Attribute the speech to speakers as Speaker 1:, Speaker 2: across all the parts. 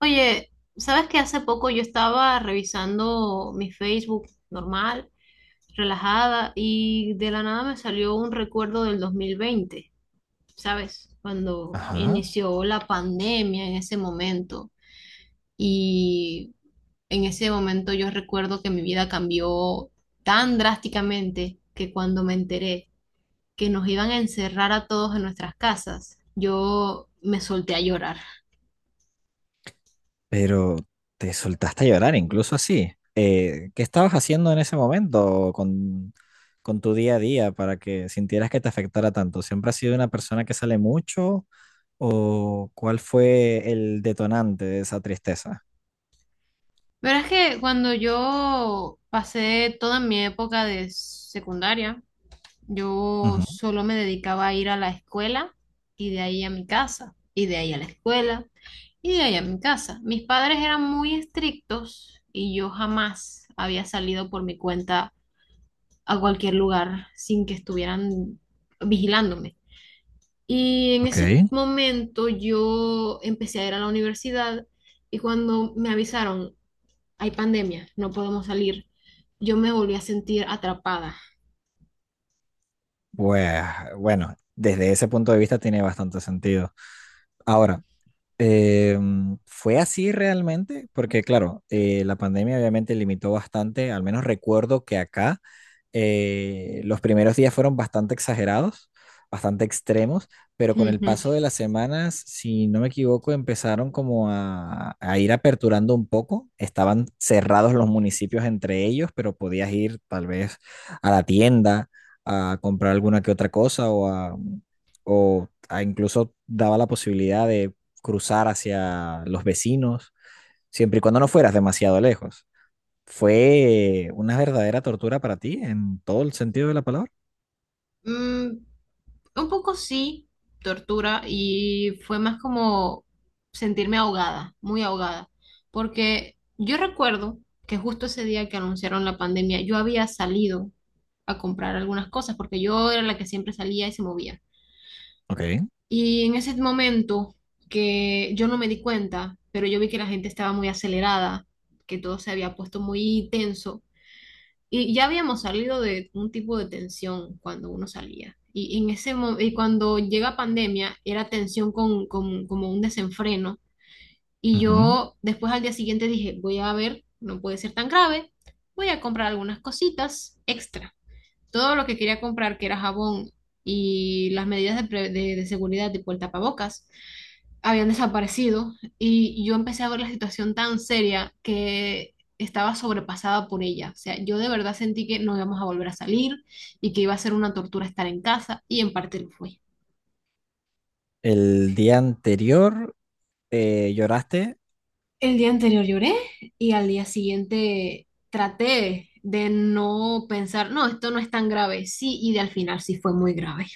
Speaker 1: Oye, ¿sabes que hace poco yo estaba revisando mi Facebook normal, relajada, y de la nada me salió un recuerdo del 2020, ¿sabes? Cuando
Speaker 2: Ajá.
Speaker 1: inició la pandemia en ese momento. Y en ese momento yo recuerdo que mi vida cambió tan drásticamente que cuando me enteré que nos iban a encerrar a todos en nuestras casas, yo me solté a llorar.
Speaker 2: Pero te soltaste a llorar, incluso así. ¿Qué estabas haciendo en ese momento con tu día a día para que sintieras que te afectara tanto? ¿Siempre has sido una persona que sale mucho? ¿O cuál fue el detonante de esa tristeza?
Speaker 1: Verás que cuando yo pasé toda mi época de secundaria, yo
Speaker 2: Ujú.
Speaker 1: solo me dedicaba a ir a la escuela y de ahí a mi casa, y de ahí a la escuela y de ahí a mi casa. Mis padres eran muy estrictos y yo jamás había salido por mi cuenta a cualquier lugar sin que estuvieran vigilándome. Y en
Speaker 2: Ok.
Speaker 1: ese momento yo empecé a ir a la universidad y cuando me avisaron hay pandemia, no podemos salir, yo me volví a sentir atrapada.
Speaker 2: Pues bueno, desde ese punto de vista tiene bastante sentido. Ahora, ¿fue así realmente? Porque claro, la pandemia obviamente limitó bastante, al menos recuerdo que acá. Los primeros días fueron bastante exagerados, bastante extremos, pero con el
Speaker 1: Ujú.
Speaker 2: paso de las semanas, si no me equivoco, empezaron como a ir aperturando un poco. Estaban cerrados los municipios entre ellos, pero podías ir tal vez a la tienda a comprar alguna que otra cosa o a incluso daba la posibilidad de cruzar hacia los vecinos, siempre y cuando no fueras demasiado lejos. Fue una verdadera tortura para ti en todo el sentido de la palabra.
Speaker 1: Mm, un poco sí, tortura, y fue más como sentirme ahogada, muy ahogada, porque yo recuerdo que justo ese día que anunciaron la pandemia, yo había salido a comprar algunas cosas, porque yo era la que siempre salía y se movía.
Speaker 2: Ok.
Speaker 1: Y en ese momento que yo no me di cuenta, pero yo vi que la gente estaba muy acelerada, que todo se había puesto muy tenso. Y ya habíamos salido de un tipo de tensión cuando uno salía. Y cuando llega pandemia, era tensión con, como un desenfreno. Y
Speaker 2: Ujú.
Speaker 1: yo después al día siguiente dije, voy a ver, no puede ser tan grave, voy a comprar algunas cositas extra. Todo lo que quería comprar, que era jabón y las medidas de seguridad, tipo el tapabocas, habían desaparecido y yo empecé a ver la situación tan seria que estaba sobrepasada por ella. O sea, yo de verdad sentí que no íbamos a volver a salir y que iba a ser una tortura estar en casa y en parte lo fue.
Speaker 2: El día anterior lloraste.
Speaker 1: El día anterior lloré y al día siguiente traté de no pensar, no, esto no es tan grave, sí, y de al final sí fue muy grave.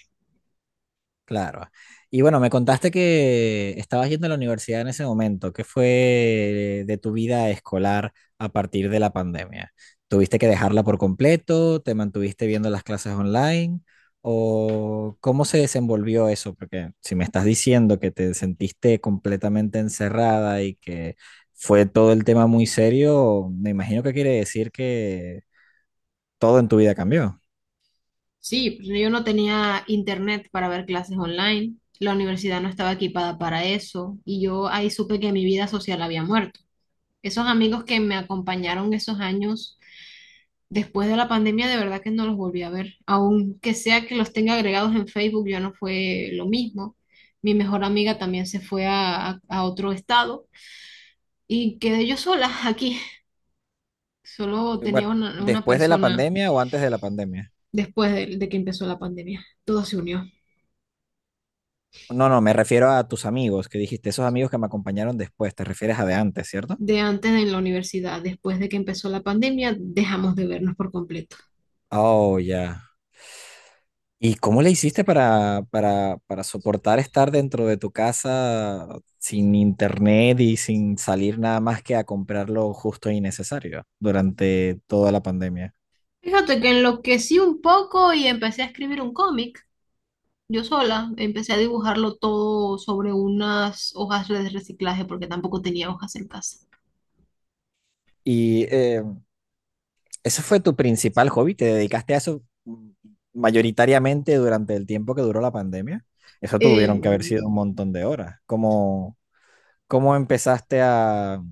Speaker 2: Claro. Y bueno, me contaste que estabas yendo a la universidad en ese momento. ¿Qué fue de tu vida escolar a partir de la pandemia? ¿Tuviste que dejarla por completo? ¿Te mantuviste viendo las clases online? ¿O cómo se desenvolvió eso? Porque si me estás diciendo que te sentiste completamente encerrada y que fue todo el tema muy serio, me imagino que quiere decir que todo en tu vida cambió.
Speaker 1: Sí, pues yo no tenía internet para ver clases online, la universidad no estaba equipada para eso y yo ahí supe que mi vida social había muerto. Esos amigos que me acompañaron esos años después de la pandemia, de verdad que no los volví a ver. Aunque sea que los tenga agregados en Facebook, ya no fue lo mismo. Mi mejor amiga también se fue a otro estado y quedé yo sola aquí. Solo tenía
Speaker 2: Bueno,
Speaker 1: una
Speaker 2: ¿después de la
Speaker 1: persona
Speaker 2: pandemia o antes de la pandemia?
Speaker 1: después de que empezó la pandemia. Todo se unió.
Speaker 2: No, no, me refiero a tus amigos que dijiste, esos amigos que me acompañaron después, te refieres a de antes, ¿cierto?
Speaker 1: De antes en la universidad, después de que empezó la pandemia, dejamos de vernos por completo.
Speaker 2: Oh, ya. ¿Y cómo le hiciste para soportar estar dentro de tu casa sin internet y sin salir nada más que a comprar lo justo y necesario durante toda la pandemia?
Speaker 1: Fíjate que enloquecí un poco y empecé a escribir un cómic. Yo sola empecé a dibujarlo todo sobre unas hojas de reciclaje porque tampoco tenía hojas en casa.
Speaker 2: ¿Y ese fue tu principal hobby? ¿Te dedicaste a eso mayoritariamente durante el tiempo que duró la pandemia? Eso
Speaker 1: Eh,
Speaker 2: tuvieron que haber sido un montón de horas. ¿Cómo empezaste a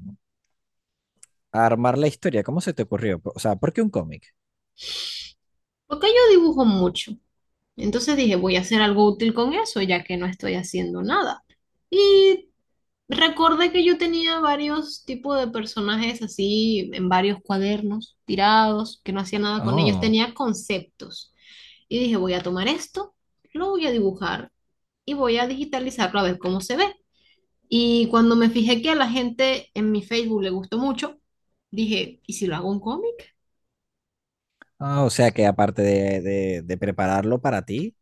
Speaker 2: armar la historia? ¿Cómo se te ocurrió? O sea, ¿por qué un cómic?
Speaker 1: Porque yo dibujo mucho. Entonces dije, voy a hacer algo útil con eso ya que no estoy haciendo nada. Y recordé que yo tenía varios tipos de personajes así en varios cuadernos tirados, que no hacía nada con ellos,
Speaker 2: Oh,
Speaker 1: tenía conceptos. Y dije, voy a tomar esto, lo voy a dibujar y voy a digitalizarlo a ver cómo se ve. Y cuando me fijé que a la gente en mi Facebook le gustó mucho, dije, ¿y si lo hago un cómic?
Speaker 2: ah, o sea que aparte de prepararlo para ti,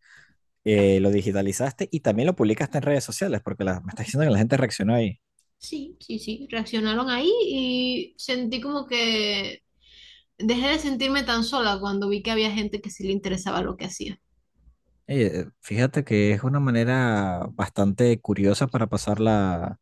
Speaker 2: lo digitalizaste y también lo publicaste en redes sociales, porque me estás diciendo que la gente reaccionó ahí.
Speaker 1: Sí, sí, sí. Reaccionaron ahí y sentí como que dejé de sentirme tan sola cuando vi que había gente que sí le interesaba lo que hacía.
Speaker 2: Fíjate que es una manera bastante curiosa para pasar la,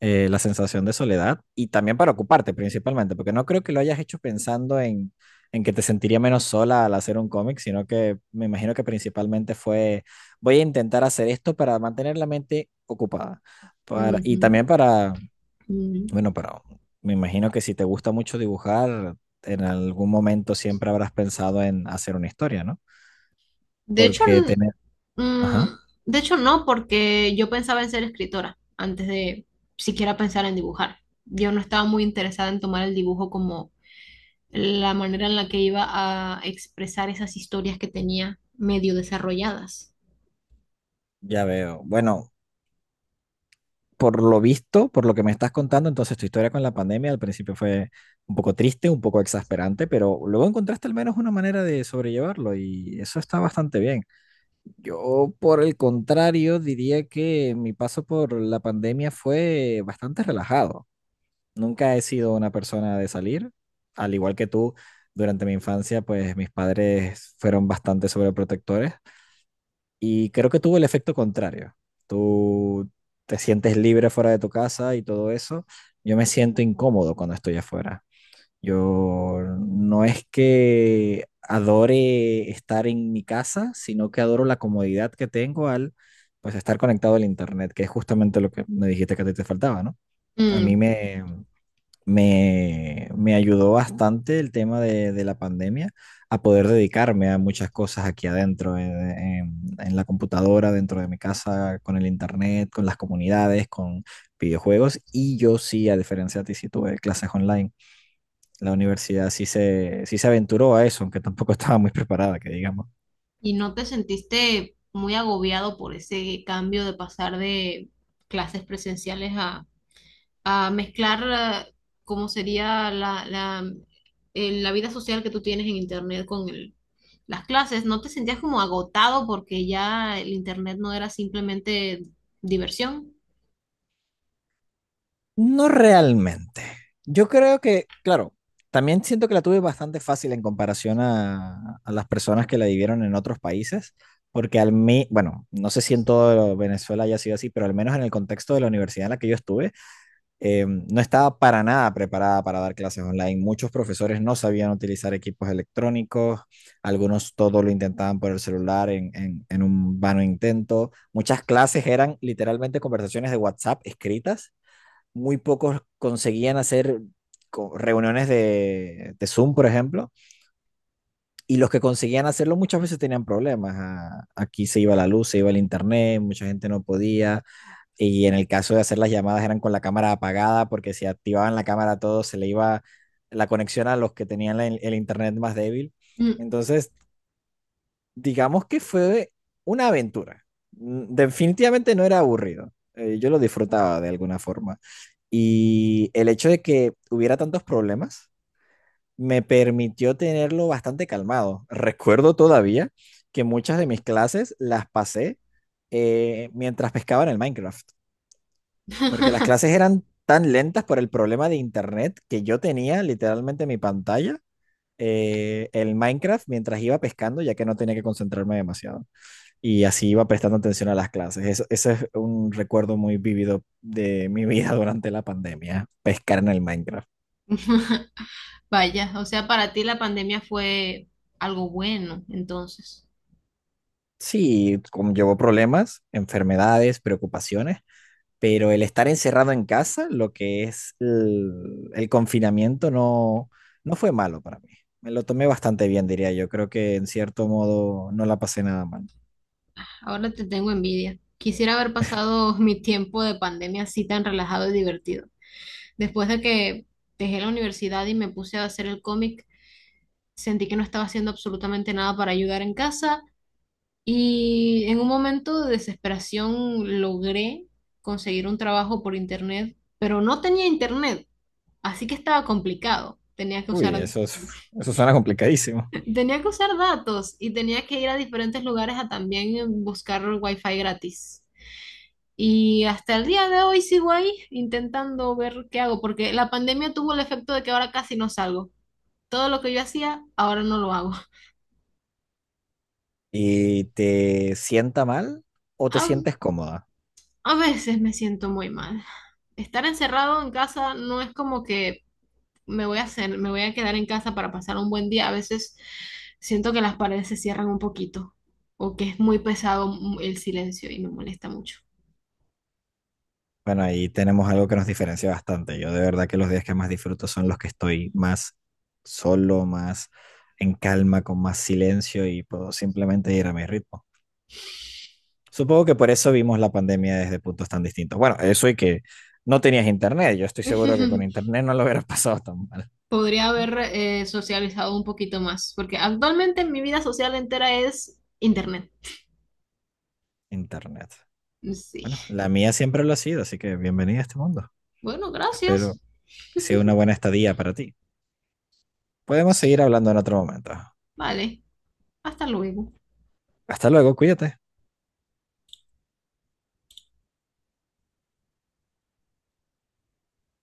Speaker 2: eh, la sensación de soledad y también para ocuparte principalmente, porque no creo que lo hayas hecho pensando en que te sentiría menos sola al hacer un cómic, sino que me imagino que principalmente fue, voy a intentar hacer esto para mantener la mente ocupada y
Speaker 1: Ujú,
Speaker 2: también para,
Speaker 1: ujú.
Speaker 2: bueno, para, me imagino que si te gusta mucho dibujar, en algún momento siempre habrás pensado en hacer una historia, ¿no?
Speaker 1: De hecho,
Speaker 2: Porque
Speaker 1: n-
Speaker 2: tener,
Speaker 1: mm,
Speaker 2: ajá,
Speaker 1: de hecho no, porque yo pensaba en ser escritora antes de siquiera pensar en dibujar. Yo no estaba muy interesada en tomar el dibujo como la manera en la que iba a expresar esas historias que tenía medio desarrolladas.
Speaker 2: ya veo. Bueno, por lo visto, por lo que me estás contando, entonces tu historia con la pandemia al principio fue un poco triste, un poco exasperante, pero luego encontraste al menos una manera de sobrellevarlo y eso está bastante bien. Yo, por el contrario, diría que mi paso por la pandemia fue bastante relajado. Nunca he sido una persona de salir, al igual que tú, durante mi infancia, pues mis padres fueron bastante sobreprotectores y creo que tuvo el efecto contrario. Tú te sientes libre fuera de tu casa y todo eso. Yo me siento incómodo cuando estoy afuera. Yo no es que adore estar en mi casa, sino que adoro la comodidad que tengo al pues estar conectado al internet, que es justamente lo que me dijiste que a ti te faltaba, ¿no? A mí
Speaker 1: Mm,
Speaker 2: me ayudó bastante el tema de la pandemia a poder dedicarme a muchas cosas aquí adentro, en la computadora, dentro de mi casa, con el internet, con las comunidades, con videojuegos. Y yo sí, a diferencia de ti, sí tuve clases online. La universidad sí se aventuró a eso, aunque tampoco estaba muy preparada, que digamos.
Speaker 1: ¿y no te sentiste muy agobiado por ese cambio de pasar de clases presenciales a mezclar cómo sería la vida social que tú tienes en Internet con las clases? ¿No te sentías como agotado porque ya el Internet no era simplemente diversión?
Speaker 2: No realmente. Yo creo que, claro, también siento que la tuve bastante fácil en comparación a las personas que la vivieron en otros países, porque al mí, bueno, no sé si en todo Venezuela haya sido así, pero al menos en el contexto de la universidad en la que yo estuve, no estaba para nada preparada para dar clases online. Muchos profesores no sabían utilizar equipos electrónicos, algunos todo lo intentaban por el celular en un vano intento. Muchas clases eran literalmente conversaciones de WhatsApp escritas, muy pocos conseguían hacer reuniones de Zoom, por ejemplo, y los que conseguían hacerlo muchas veces tenían problemas. Aquí se iba la luz, se iba el internet, mucha gente no podía. Y en el caso de hacer las llamadas eran con la cámara apagada, porque si activaban la cámara a todos se le iba la conexión a los que tenían el internet más débil.
Speaker 1: Mm.
Speaker 2: Entonces, digamos que fue una aventura. Definitivamente no era aburrido. Yo lo disfrutaba de alguna forma. Y el hecho de que hubiera tantos problemas me permitió tenerlo bastante calmado. Recuerdo todavía que muchas de mis clases las pasé mientras pescaba en el Minecraft, porque las clases eran tan lentas por el problema de internet que yo tenía literalmente en mi pantalla el Minecraft mientras iba pescando, ya que no tenía que concentrarme demasiado y así iba prestando atención a las clases. Eso, ese es un recuerdo muy vívido de mi vida durante la pandemia, pescar en el Minecraft.
Speaker 1: Vaya, o sea, para ti la pandemia fue algo bueno, entonces.
Speaker 2: Sí, conllevó problemas, enfermedades, preocupaciones, pero el estar encerrado en casa, lo que es el confinamiento, no, no fue malo para mí. Me lo tomé bastante bien, diría yo. Creo que en cierto modo no la pasé nada mal.
Speaker 1: Ahora te tengo envidia. Quisiera haber pasado mi tiempo de pandemia así tan relajado y divertido. Después de que dejé la universidad y me puse a hacer el cómic, sentí que no estaba haciendo absolutamente nada para ayudar en casa y en un momento de desesperación logré conseguir un trabajo por internet, pero no tenía internet, así que estaba complicado. Tenía que
Speaker 2: Uy,
Speaker 1: usar.
Speaker 2: eso suena complicadísimo.
Speaker 1: Tenía que usar datos y tenía que ir a diferentes lugares a también buscar wifi gratis. Y hasta el día de hoy sigo ahí intentando ver qué hago, porque la pandemia tuvo el efecto de que ahora casi no salgo. Todo lo que yo hacía, ahora no lo hago.
Speaker 2: ¿Y te sienta mal o te
Speaker 1: A,
Speaker 2: sientes cómoda?
Speaker 1: a veces me siento muy mal. Estar encerrado en casa no es como que me voy a hacer, me voy a quedar en casa para pasar un buen día. A veces siento que las paredes se cierran un poquito o que es muy pesado el silencio y me molesta mucho.
Speaker 2: Bueno, ahí tenemos algo que nos diferencia bastante. Yo de verdad que los días que más disfruto son los que estoy más solo, más en calma, con más silencio y puedo simplemente ir a mi ritmo. Supongo que por eso vimos la pandemia desde puntos tan distintos. Bueno, eso y que no tenías internet. Yo estoy seguro que con internet no lo hubieras pasado tan mal.
Speaker 1: Podría haber socializado un poquito más, porque actualmente mi vida social entera es internet.
Speaker 2: Internet. Bueno,
Speaker 1: Sí.
Speaker 2: la mía siempre lo ha sido, así que bienvenida a este mundo.
Speaker 1: Bueno,
Speaker 2: Espero
Speaker 1: gracias.
Speaker 2: que sea una buena estadía para ti. Podemos seguir hablando en otro momento.
Speaker 1: Vale, hasta luego.
Speaker 2: Hasta luego, cuídate.